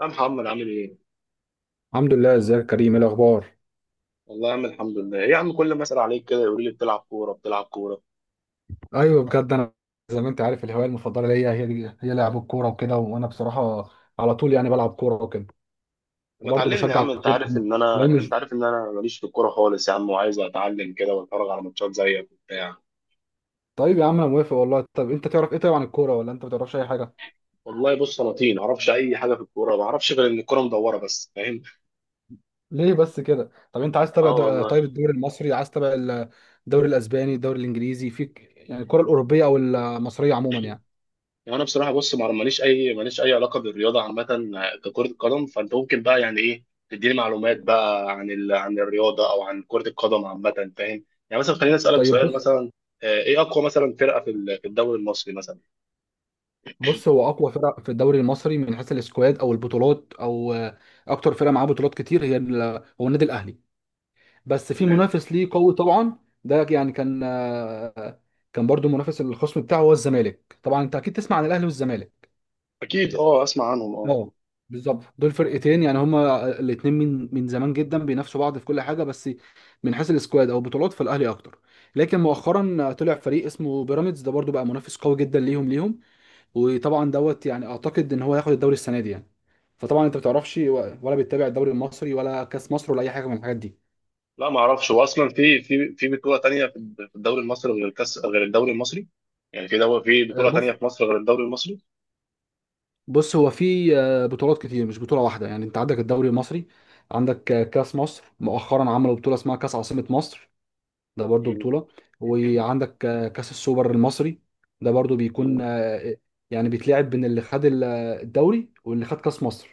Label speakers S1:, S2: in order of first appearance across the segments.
S1: يا محمد عامل ايه؟
S2: الحمد لله، ازيك يا كريم؟ ايه الاخبار؟
S1: والله يا عم الحمد لله، إيه يا عم كل ما اسال عليك كده يقول لي بتلعب كوره.
S2: ايوه بجد، انا زي ما انت عارف الهوايه المفضله ليا هي دي، هي لعب الكوره وكده، وانا بصراحه على طول يعني بلعب كوره وكده.
S1: طب ما
S2: وبرضه
S1: تعلمني يا
S2: بشجع
S1: عم انت
S2: الكوره
S1: عارف ان
S2: لو
S1: انا انت
S2: مش...
S1: عارف ان انا ماليش في الكوره خالص يا عم وعايز اتعلم كده واتفرج على ماتشات زيك وبتاع.
S2: طيب يا عم انا موافق والله. طب انت تعرف ايه طيب عن الكوره، ولا انت ما تعرفش اي حاجه؟
S1: والله بص انا طين ما اعرفش اي حاجه في الكوره، ما اعرفش غير ان الكوره مدوره بس فاهم؟
S2: ليه بس كده؟ طب انت عايز تتابع
S1: اه والله.
S2: طيب الدوري المصري، عايز تتابع الدوري الاسباني، الدوري الانجليزي؟ فيك يعني الكوره الاوروبيه او المصريه عموما يعني؟
S1: يعني انا بصراحه بص ما ماليش اي ماليش اي علاقه بالرياضه عامه ككره القدم، فانت ممكن بقى يعني ايه تديني معلومات بقى عن الرياضه او عن كره القدم عامه، فاهم؟ يعني مثلا خليني اسالك
S2: طيب.
S1: سؤال مثلا، ايه اقوى مثلا فرقه في الدوري المصري مثلا؟
S2: بص، هو اقوى فرق في الدوري المصري من حيث السكواد او البطولات، او اكتر فرقه معاه بطولات كتير، هي هو النادي الاهلي. بس في
S1: تمام.
S2: منافس ليه قوي طبعا. ده يعني كان كان برضو منافس الخصم بتاعه هو الزمالك. طبعا انت اكيد تسمع عن الاهلي والزمالك.
S1: اكيد اه اسمع عنهم اه.
S2: اه بالظبط، دول فرقتين يعني هما الاثنين من زمان جدا بينافسوا بعض في كل حاجه. بس من حيث السكواد او البطولات فالاهلي اكتر. لكن مؤخرا طلع فريق اسمه بيراميدز، ده برضو بقى منافس قوي جدا ليهم وطبعا دوت يعني اعتقد ان هو هياخد الدوري السنه دي يعني. فطبعا انت ما بتعرفش ولا بتتابع الدوري المصري ولا كاس مصر ولا اي حاجه من الحاجات دي؟
S1: لا ما اعرفش، هو اصلا في بطوله تانية في الدوري المصري غير الكاس غير الدوري المصري؟ يعني في دوري، في بطوله تانية
S2: بص.
S1: في مصر غير الدوري المصري؟
S2: هو في بطولات كتير مش بطوله واحده يعني. انت عندك الدوري المصري، عندك كاس مصر، مؤخرا عملوا بطوله اسمها كاس عاصمه مصر، ده برضو
S1: مم.
S2: بطوله. وعندك كاس السوبر المصري، ده برضو
S1: مم.
S2: بيكون يعني بيتلعب بين اللي خد الدوري واللي خد كاس مصر،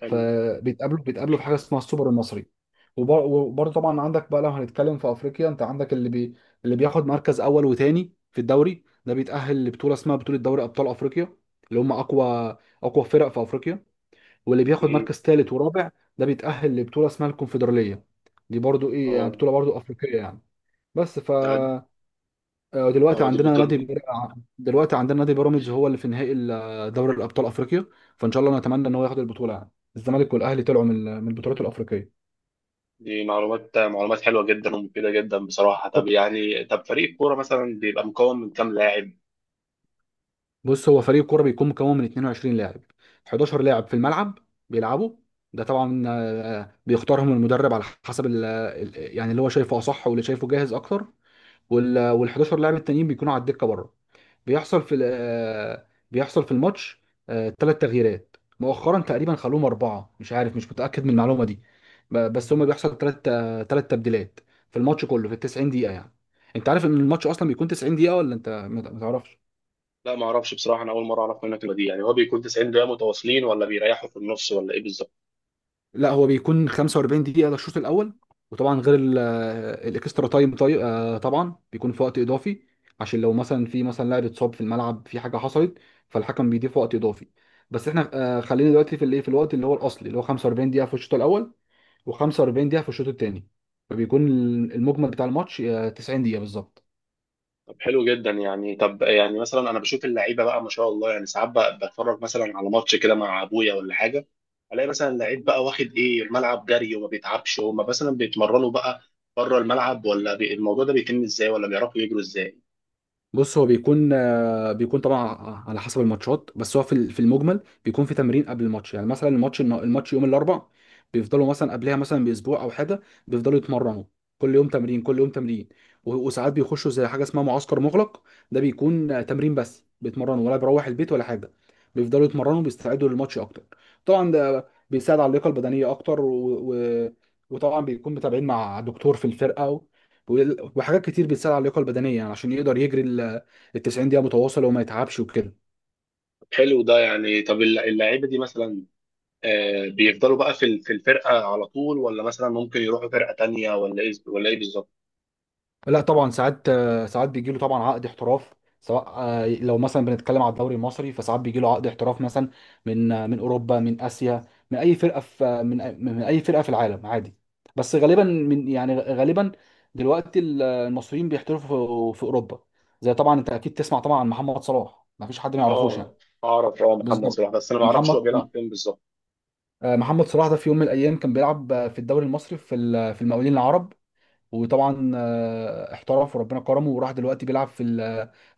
S1: حلو.
S2: فبيتقابلوا في حاجه اسمها السوبر المصري. وبرضه طبعا عندك بقى لو هنتكلم في افريقيا، انت عندك اللي بياخد مركز اول وتاني في الدوري، ده بيتاهل لبطوله اسمها بطوله دوري ابطال افريقيا، اللي هم اقوى فرق في افريقيا. واللي بياخد
S1: مم.
S2: مركز ثالث ورابع ده بيتاهل لبطوله اسمها الكونفدراليه، دي برضه ايه يعني
S1: اه.
S2: بطوله برضه افريقيه يعني. بس ف
S1: ده اه
S2: دلوقتي
S1: دي بطوله.
S2: دلوقتي عندنا نادي بيراميدز هو اللي في نهائي دوري الابطال افريقيا. فان شاء الله نتمنى ان هو ياخد البطوله يعني. الزمالك والاهلي طلعوا من البطولات الافريقيه.
S1: دي معلومات معلومات حلوة جدا ومفيدة جدا بصراحة. طب
S2: طب
S1: يعني، طب فريق الكورة مثلا بيبقى مكون من كام لاعب؟
S2: بص، هو فريق كوره بيكون مكون من 22 لاعب، 11 لاعب في الملعب بيلعبوا. ده طبعا بيختارهم المدرب على حسب يعني اللي هو شايفه اصح واللي شايفه جاهز اكتر. وال 11 لاعب التانيين بيكونوا على الدكه بره. بيحصل في بيحصل في الماتش ثلاث تغييرات، مؤخرا تقريبا خلوهم اربعه، مش عارف مش متاكد من المعلومه دي. بس هما بيحصل ثلاث تبديلات في الماتش كله في ال 90 دقيقه يعني. انت عارف ان الماتش اصلا بيكون 90 دقيقه ولا انت ما تعرفش؟
S1: لا ما اعرفش بصراحة، انا اول مرة اعرف منك المعلومة دي. يعني هو بيكون 90 دقيقة متواصلين ولا بيريحوا في النص ولا ايه بالظبط؟
S2: لا هو بيكون 45 دقيقة للشوط الأول، وطبعا غير الاكسترا تايم طبعا بيكون في وقت إضافي، عشان لو مثلا في مثلا لاعب اتصاب في الملعب، في حاجة حصلت، فالحكم بيضيف وقت إضافي. بس احنا خلينا دلوقتي في الايه، في الوقت اللي هو الأصلي اللي هو 45 دقيقة في الشوط الأول و45 دقيقة في الشوط الثاني، فبيكون المجمل بتاع الماتش 90 دقيقة بالظبط.
S1: طب حلو جدا. يعني طب يعني مثلا انا بشوف اللعيبة بقى ما شاء الله، يعني ساعات بقى بتفرج مثلا على ماتش كده مع ابويا ولا حاجة، الاقي مثلا اللعيب بقى واخد ايه الملعب جري وما بيتعبش. هما مثلا بيتمرنوا بقى بره الملعب الموضوع ده بيتم ازاي؟ ولا بيعرفوا يجروا ازاي؟
S2: بص هو بيكون بيكون طبعا على حسب الماتشات. بس هو في في المجمل بيكون في تمرين قبل الماتش. يعني مثلا الماتش يوم الاربع، بيفضلوا مثلا قبلها مثلا باسبوع او حاجه بيفضلوا يتمرنوا، كل يوم تمرين، كل يوم تمرين. وساعات بيخشوا زي حاجه اسمها معسكر مغلق، ده بيكون تمرين بس، بيتمرنوا ولا بيروح البيت ولا حاجه، بيفضلوا يتمرنوا بيستعدوا للماتش اكتر. طبعا ده بيساعد على اللياقه البدنيه اكتر و... وطبعا بيكون متابعين مع دكتور في الفرقه، وحاجات كتير بتساعد على اللياقه البدنيه يعني عشان يقدر يجري ال 90 دقيقه متواصله وما يتعبش وكده.
S1: طب حلو ده. يعني طب اللعيبة دي مثلا بيفضلوا بقى في الفرقة على طول، ولا مثلا ممكن يروحوا فرقة تانية ولا ايه ولا ايه بالظبط؟
S2: لا طبعا ساعات، بيجي له طبعا عقد احتراف، سواء لو مثلا بنتكلم على الدوري المصري، فساعات بيجي له عقد احتراف مثلا من من اوروبا، من اسيا، من اي فرقه من اي فرقه في العالم عادي. بس غالبا من يعني غالبا دلوقتي المصريين بيحترفوا في اوروبا. زي طبعا انت اكيد تسمع طبعا عن محمد صلاح، ما فيش حد ما يعرفوش
S1: اه
S2: يعني.
S1: اعرف اه محمد
S2: بالظبط.
S1: صلاح، بس انا ما اعرفش هو بيلعب
S2: محمد
S1: فين بالظبط.
S2: محمد صلاح ده في يوم من الايام كان بيلعب في الدوري المصري في في المقاولين العرب. وطبعا احترف وربنا كرمه وراح دلوقتي بيلعب في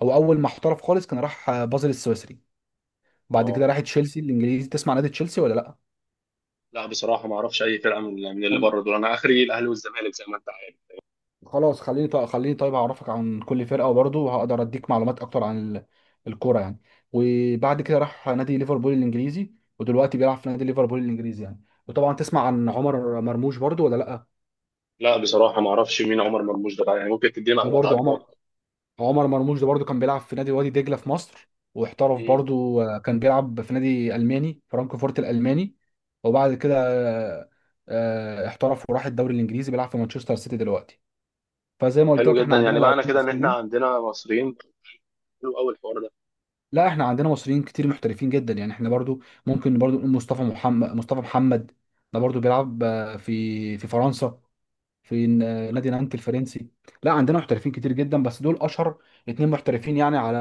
S2: او اول ما احترف خالص كان راح بازل السويسري، بعد
S1: اه.
S2: كده راح تشيلسي الانجليزي. تسمع نادي تشيلسي ولا لا؟
S1: لا بصراحة ما اعرفش اي فرقة من اللي
S2: خل-
S1: بره دول، انا اخري الاهلي والزمالك زي ما انت عارف.
S2: خلاص خليني طيب، خليني طيب اعرفك عن كل فرقه وبرضه وهقدر اديك معلومات اكتر عن الكوره يعني. وبعد كده راح نادي ليفربول الانجليزي، ودلوقتي بيلعب في نادي ليفربول الانجليزي يعني. وطبعا تسمع عن عمر مرموش برضه ولا لا؟
S1: لا بصراحة ما اعرفش مين عمر مرموش ده بقى، يعني ممكن تديني
S2: ده
S1: معلومات
S2: برضه
S1: عنه اكتر؟
S2: عمر مرموش ده برضو كان بيلعب في نادي وادي دجله في مصر، واحترف
S1: مم.
S2: برضو كان بيلعب في نادي الماني فرانكفورت الالماني. وبعد كده احترف وراح الدوري الانجليزي، بيلعب في مانشستر سيتي دلوقتي. فزي
S1: طب
S2: ما قلت
S1: حلو
S2: لك احنا
S1: جدا.
S2: عندنا
S1: يعني معنى
S2: لاعبين
S1: كده ان احنا
S2: مصريين.
S1: عندنا مصريين، حلو قوي الحوار ده.
S2: لا احنا عندنا مصريين كتير محترفين جدا يعني، احنا برضو ممكن برضو نقول مصطفى محمد. ده برضو بيلعب في فرنسا، في نادي نانت الفرنسي. لا عندنا محترفين كتير جدا، بس دول اشهر اتنين محترفين يعني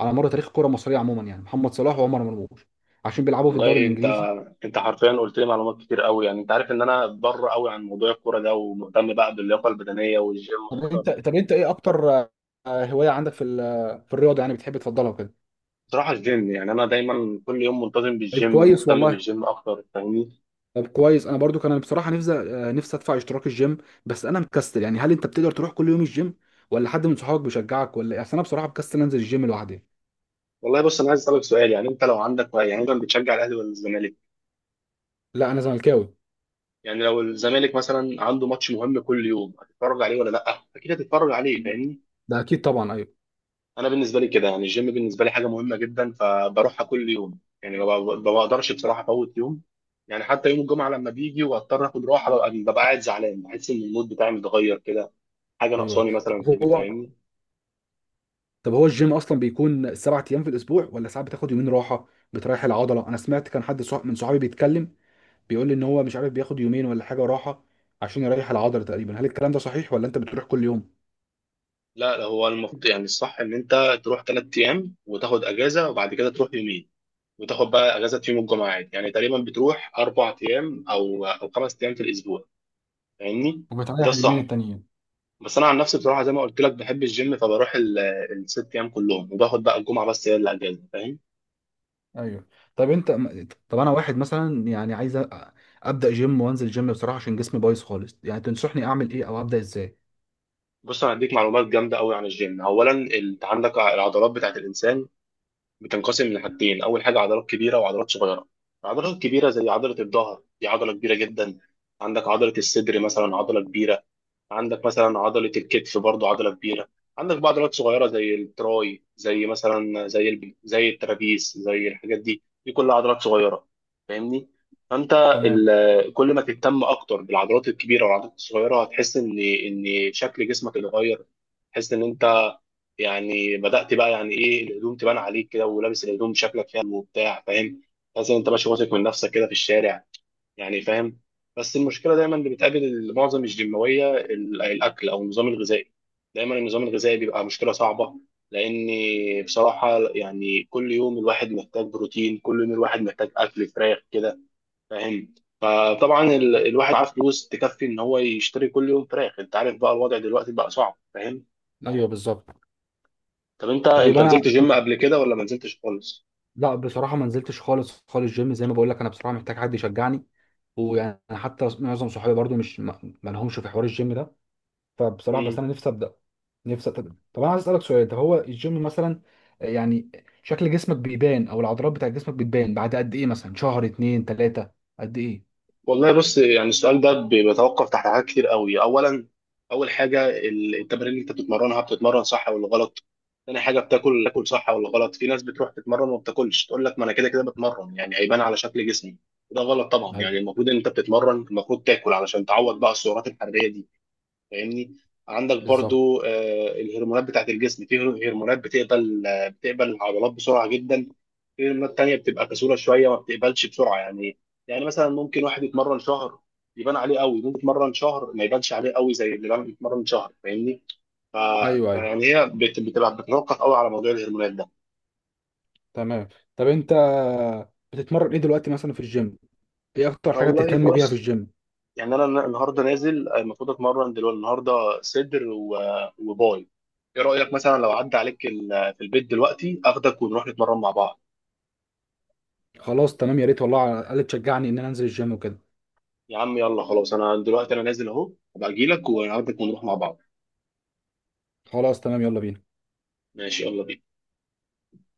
S2: على مر تاريخ الكره المصريه عموما يعني، محمد صلاح وعمر مرموش، عشان بيلعبوا في الدوري
S1: والله انت،
S2: الانجليزي.
S1: انت حرفيا قلت لي معلومات كتير قوي. يعني انت عارف ان انا بره قوي عن موضوع الكوره ده، ومهتم بقى باللياقه البدنيه والجيم اكتر.
S2: طب انت ايه اكتر هوايه عندك في في الرياضه يعني بتحب تفضلها وكده؟
S1: بصراحة الجيم، يعني أنا دايما كل يوم منتظم
S2: طيب
S1: بالجيم
S2: كويس
S1: ومهتم
S2: والله.
S1: بالجيم أكتر، فاهمني؟
S2: طب كويس، انا برضو كان بصراحه نفسي نفسي ادفع اشتراك الجيم، بس انا مكسل. يعني هل انت بتقدر تروح كل يوم الجيم، ولا حد من صحابك بيشجعك ولا ايه؟ اصل انا بصراحه مكسل انزل الجيم لوحدي.
S1: والله بص، أنا عايز أسألك سؤال، يعني أنت لو عندك، يعني أنت بتشجع الأهلي ولا الزمالك؟
S2: لا انا زملكاوي.
S1: يعني لو الزمالك مثلا عنده ماتش مهم كل يوم هتتفرج عليه ولا لأ؟ أكيد هتتفرج عليه، فاهمني؟
S2: ده اكيد طبعا، ايوه،
S1: أنا بالنسبة لي كده، يعني الجيم بالنسبة لي حاجة مهمة جدا، فبروحها كل يوم، يعني ما بقدرش بصراحة أفوت يوم. يعني حتى يوم الجمعة لما بيجي وأضطر آخد راحة، ببقى قاعد زعلان، بحس إن المود بتاعي متغير كده، حاجة
S2: ايوه.
S1: ناقصاني مثلا في البيت،
S2: هو
S1: فاهمني؟
S2: طب هو الجيم اصلا بيكون 7 ايام في الاسبوع، ولا ساعات بتاخد يومين راحه بتريح العضله؟ انا سمعت كان حد من صحابي بيتكلم، بيقول لي ان هو مش عارف بياخد يومين ولا حاجه راحه عشان يريح العضله تقريبا. هل الكلام ده صحيح، ولا انت بتروح كل يوم
S1: لا لا، هو المفروض يعني الصح ان انت تروح 3 ايام وتاخد اجازه، وبعد كده تروح يومين وتاخد بقى اجازه في يوم الجمعه عادي. يعني تقريبا بتروح 4 ايام او 5 ايام في الاسبوع، فاهمني؟ ده
S2: وبتريح اليومين
S1: الصح.
S2: التانيين؟
S1: بس انا عن نفسي بصراحه زي ما قلت لك بحب الجيم، فبروح الـ6 ايام كلهم، وباخد بقى الجمعه بس هي اللي اجازه، فاهم؟
S2: ايوه. طب انت طب انا واحد مثلا يعني عايز ابدا جيم وانزل جيم بصراحه عشان جسمي بايظ خالص يعني، تنصحني اعمل ايه او ابدا ازاي؟
S1: بص انا هديك معلومات جامده قوي عن الجيم. اولا انت عندك العضلات بتاعت الانسان بتنقسم لحاجتين، اول حاجه عضلات كبيره وعضلات صغيره. العضلات الكبيره زي عضله الظهر، دي عضله كبيره جدا. عندك عضله الصدر مثلا عضله كبيره. عندك مثلا عضله الكتف برضو عضله كبيره. عندك بقى عضلات صغيره زي التراي، زي مثلا زي الترابيس، زي الحاجات دي، دي كلها عضلات صغيره، فاهمني؟ فانت
S2: تمام.
S1: كل ما تهتم اكتر بالعضلات الكبيره والعضلات الصغيره، هتحس ان شكل جسمك اتغير، تحس ان انت يعني بدأت بقى يعني ايه الهدوم تبان عليك كده، ولابس الهدوم شكلك حلو وبتاع، فاهم؟ تحس ان انت ماشي واثق من نفسك كده في الشارع، يعني فاهم؟ بس المشكله دايما اللي بتقابل معظم الجيماويه الاكل او النظام الغذائي. دايما النظام الغذائي بيبقى مشكله صعبه، لان بصراحه يعني كل يوم الواحد محتاج بروتين، كل يوم الواحد محتاج اكل فراخ كده، فاهم؟ فطبعا الواحد معاه فلوس تكفي ان هو يشتري كل يوم فراخ، انت عارف بقى الوضع دلوقتي بقى صعب، فاهم؟
S2: ايوه بالظبط.
S1: طب انت،
S2: طيب
S1: انت
S2: انا
S1: نزلت جيم قبل كده ولا ما نزلتش خالص؟
S2: لا بصراحة ما نزلتش خالص خالص جيم زي ما بقول لك انا بصراحة محتاج حد يشجعني ويعني حتى معظم صحابي برضو مش ما ما لهمش في حوار الجيم ده فبصراحة بس
S1: مم.
S2: انا نفسي ابدأ نفسي أبدأ. طب انا عايز اسألك سؤال طب هو الجيم مثلا يعني شكل جسمك بيبان او العضلات بتاع جسمك بتبان بعد قد ايه مثلا شهر اتنين تلاتة قد ايه
S1: والله بص، يعني السؤال ده بيتوقف تحت حاجات كتير قوي. اولا اول حاجه التمارين اللي انت بتتمرنها، بتتمرن صح ولا غلط؟ تاني حاجه بتاكل، تاكل صح ولا غلط؟ في ناس بتروح تتمرن وما بتاكلش، تقول لك ما انا كده كده بتمرن يعني هيبان على شكل جسمي، وده غلط طبعا.
S2: ايوه
S1: يعني المفروض ان انت بتتمرن المفروض تاكل علشان تعوض بقى السعرات الحراريه دي، فاهمني؟ عندك
S2: بالظبط
S1: برضو الهرمونات بتاعت الجسم، في هرمونات بتقبل بتقبل العضلات بسرعة جدا، في هرمونات تانية بتبقى كسولة شوية ما بتقبلش بسرعة يعني. يعني مثلا ممكن واحد يتمرن شهر يبان عليه قوي، ممكن يتمرن شهر ما يبانش عليه قوي زي يتمرن شهر، فاهمني؟ ف-
S2: ايوه، ايوه.
S1: فيعني هي بتبقى بتتوقف قوي على موضوع الهرمونات ده.
S2: تمام. طب انت بتتمرن ايه دلوقتي مثلا في الجيم؟ ايه اكتر حاجة
S1: والله
S2: بتهتم بيها في
S1: بص،
S2: الجيم؟
S1: يعني انا النهارده نازل، المفروض اتمرن دلوقتي النهارده صدر و- وباي. ايه رايك مثلا لو عدى عليك في البيت دلوقتي اخدك ونروح نتمرن مع بعض؟
S2: خلاص تمام يا ريت والله، على الاقل تشجعني ان انا انزل الجيم وكده.
S1: يا عم يلا خلاص، انا دلوقتي انا نازل اهو، هبقى اجي لك واخدك ونروح مع بعض.
S2: خلاص تمام يلا بينا.
S1: ماشي يلا بينا.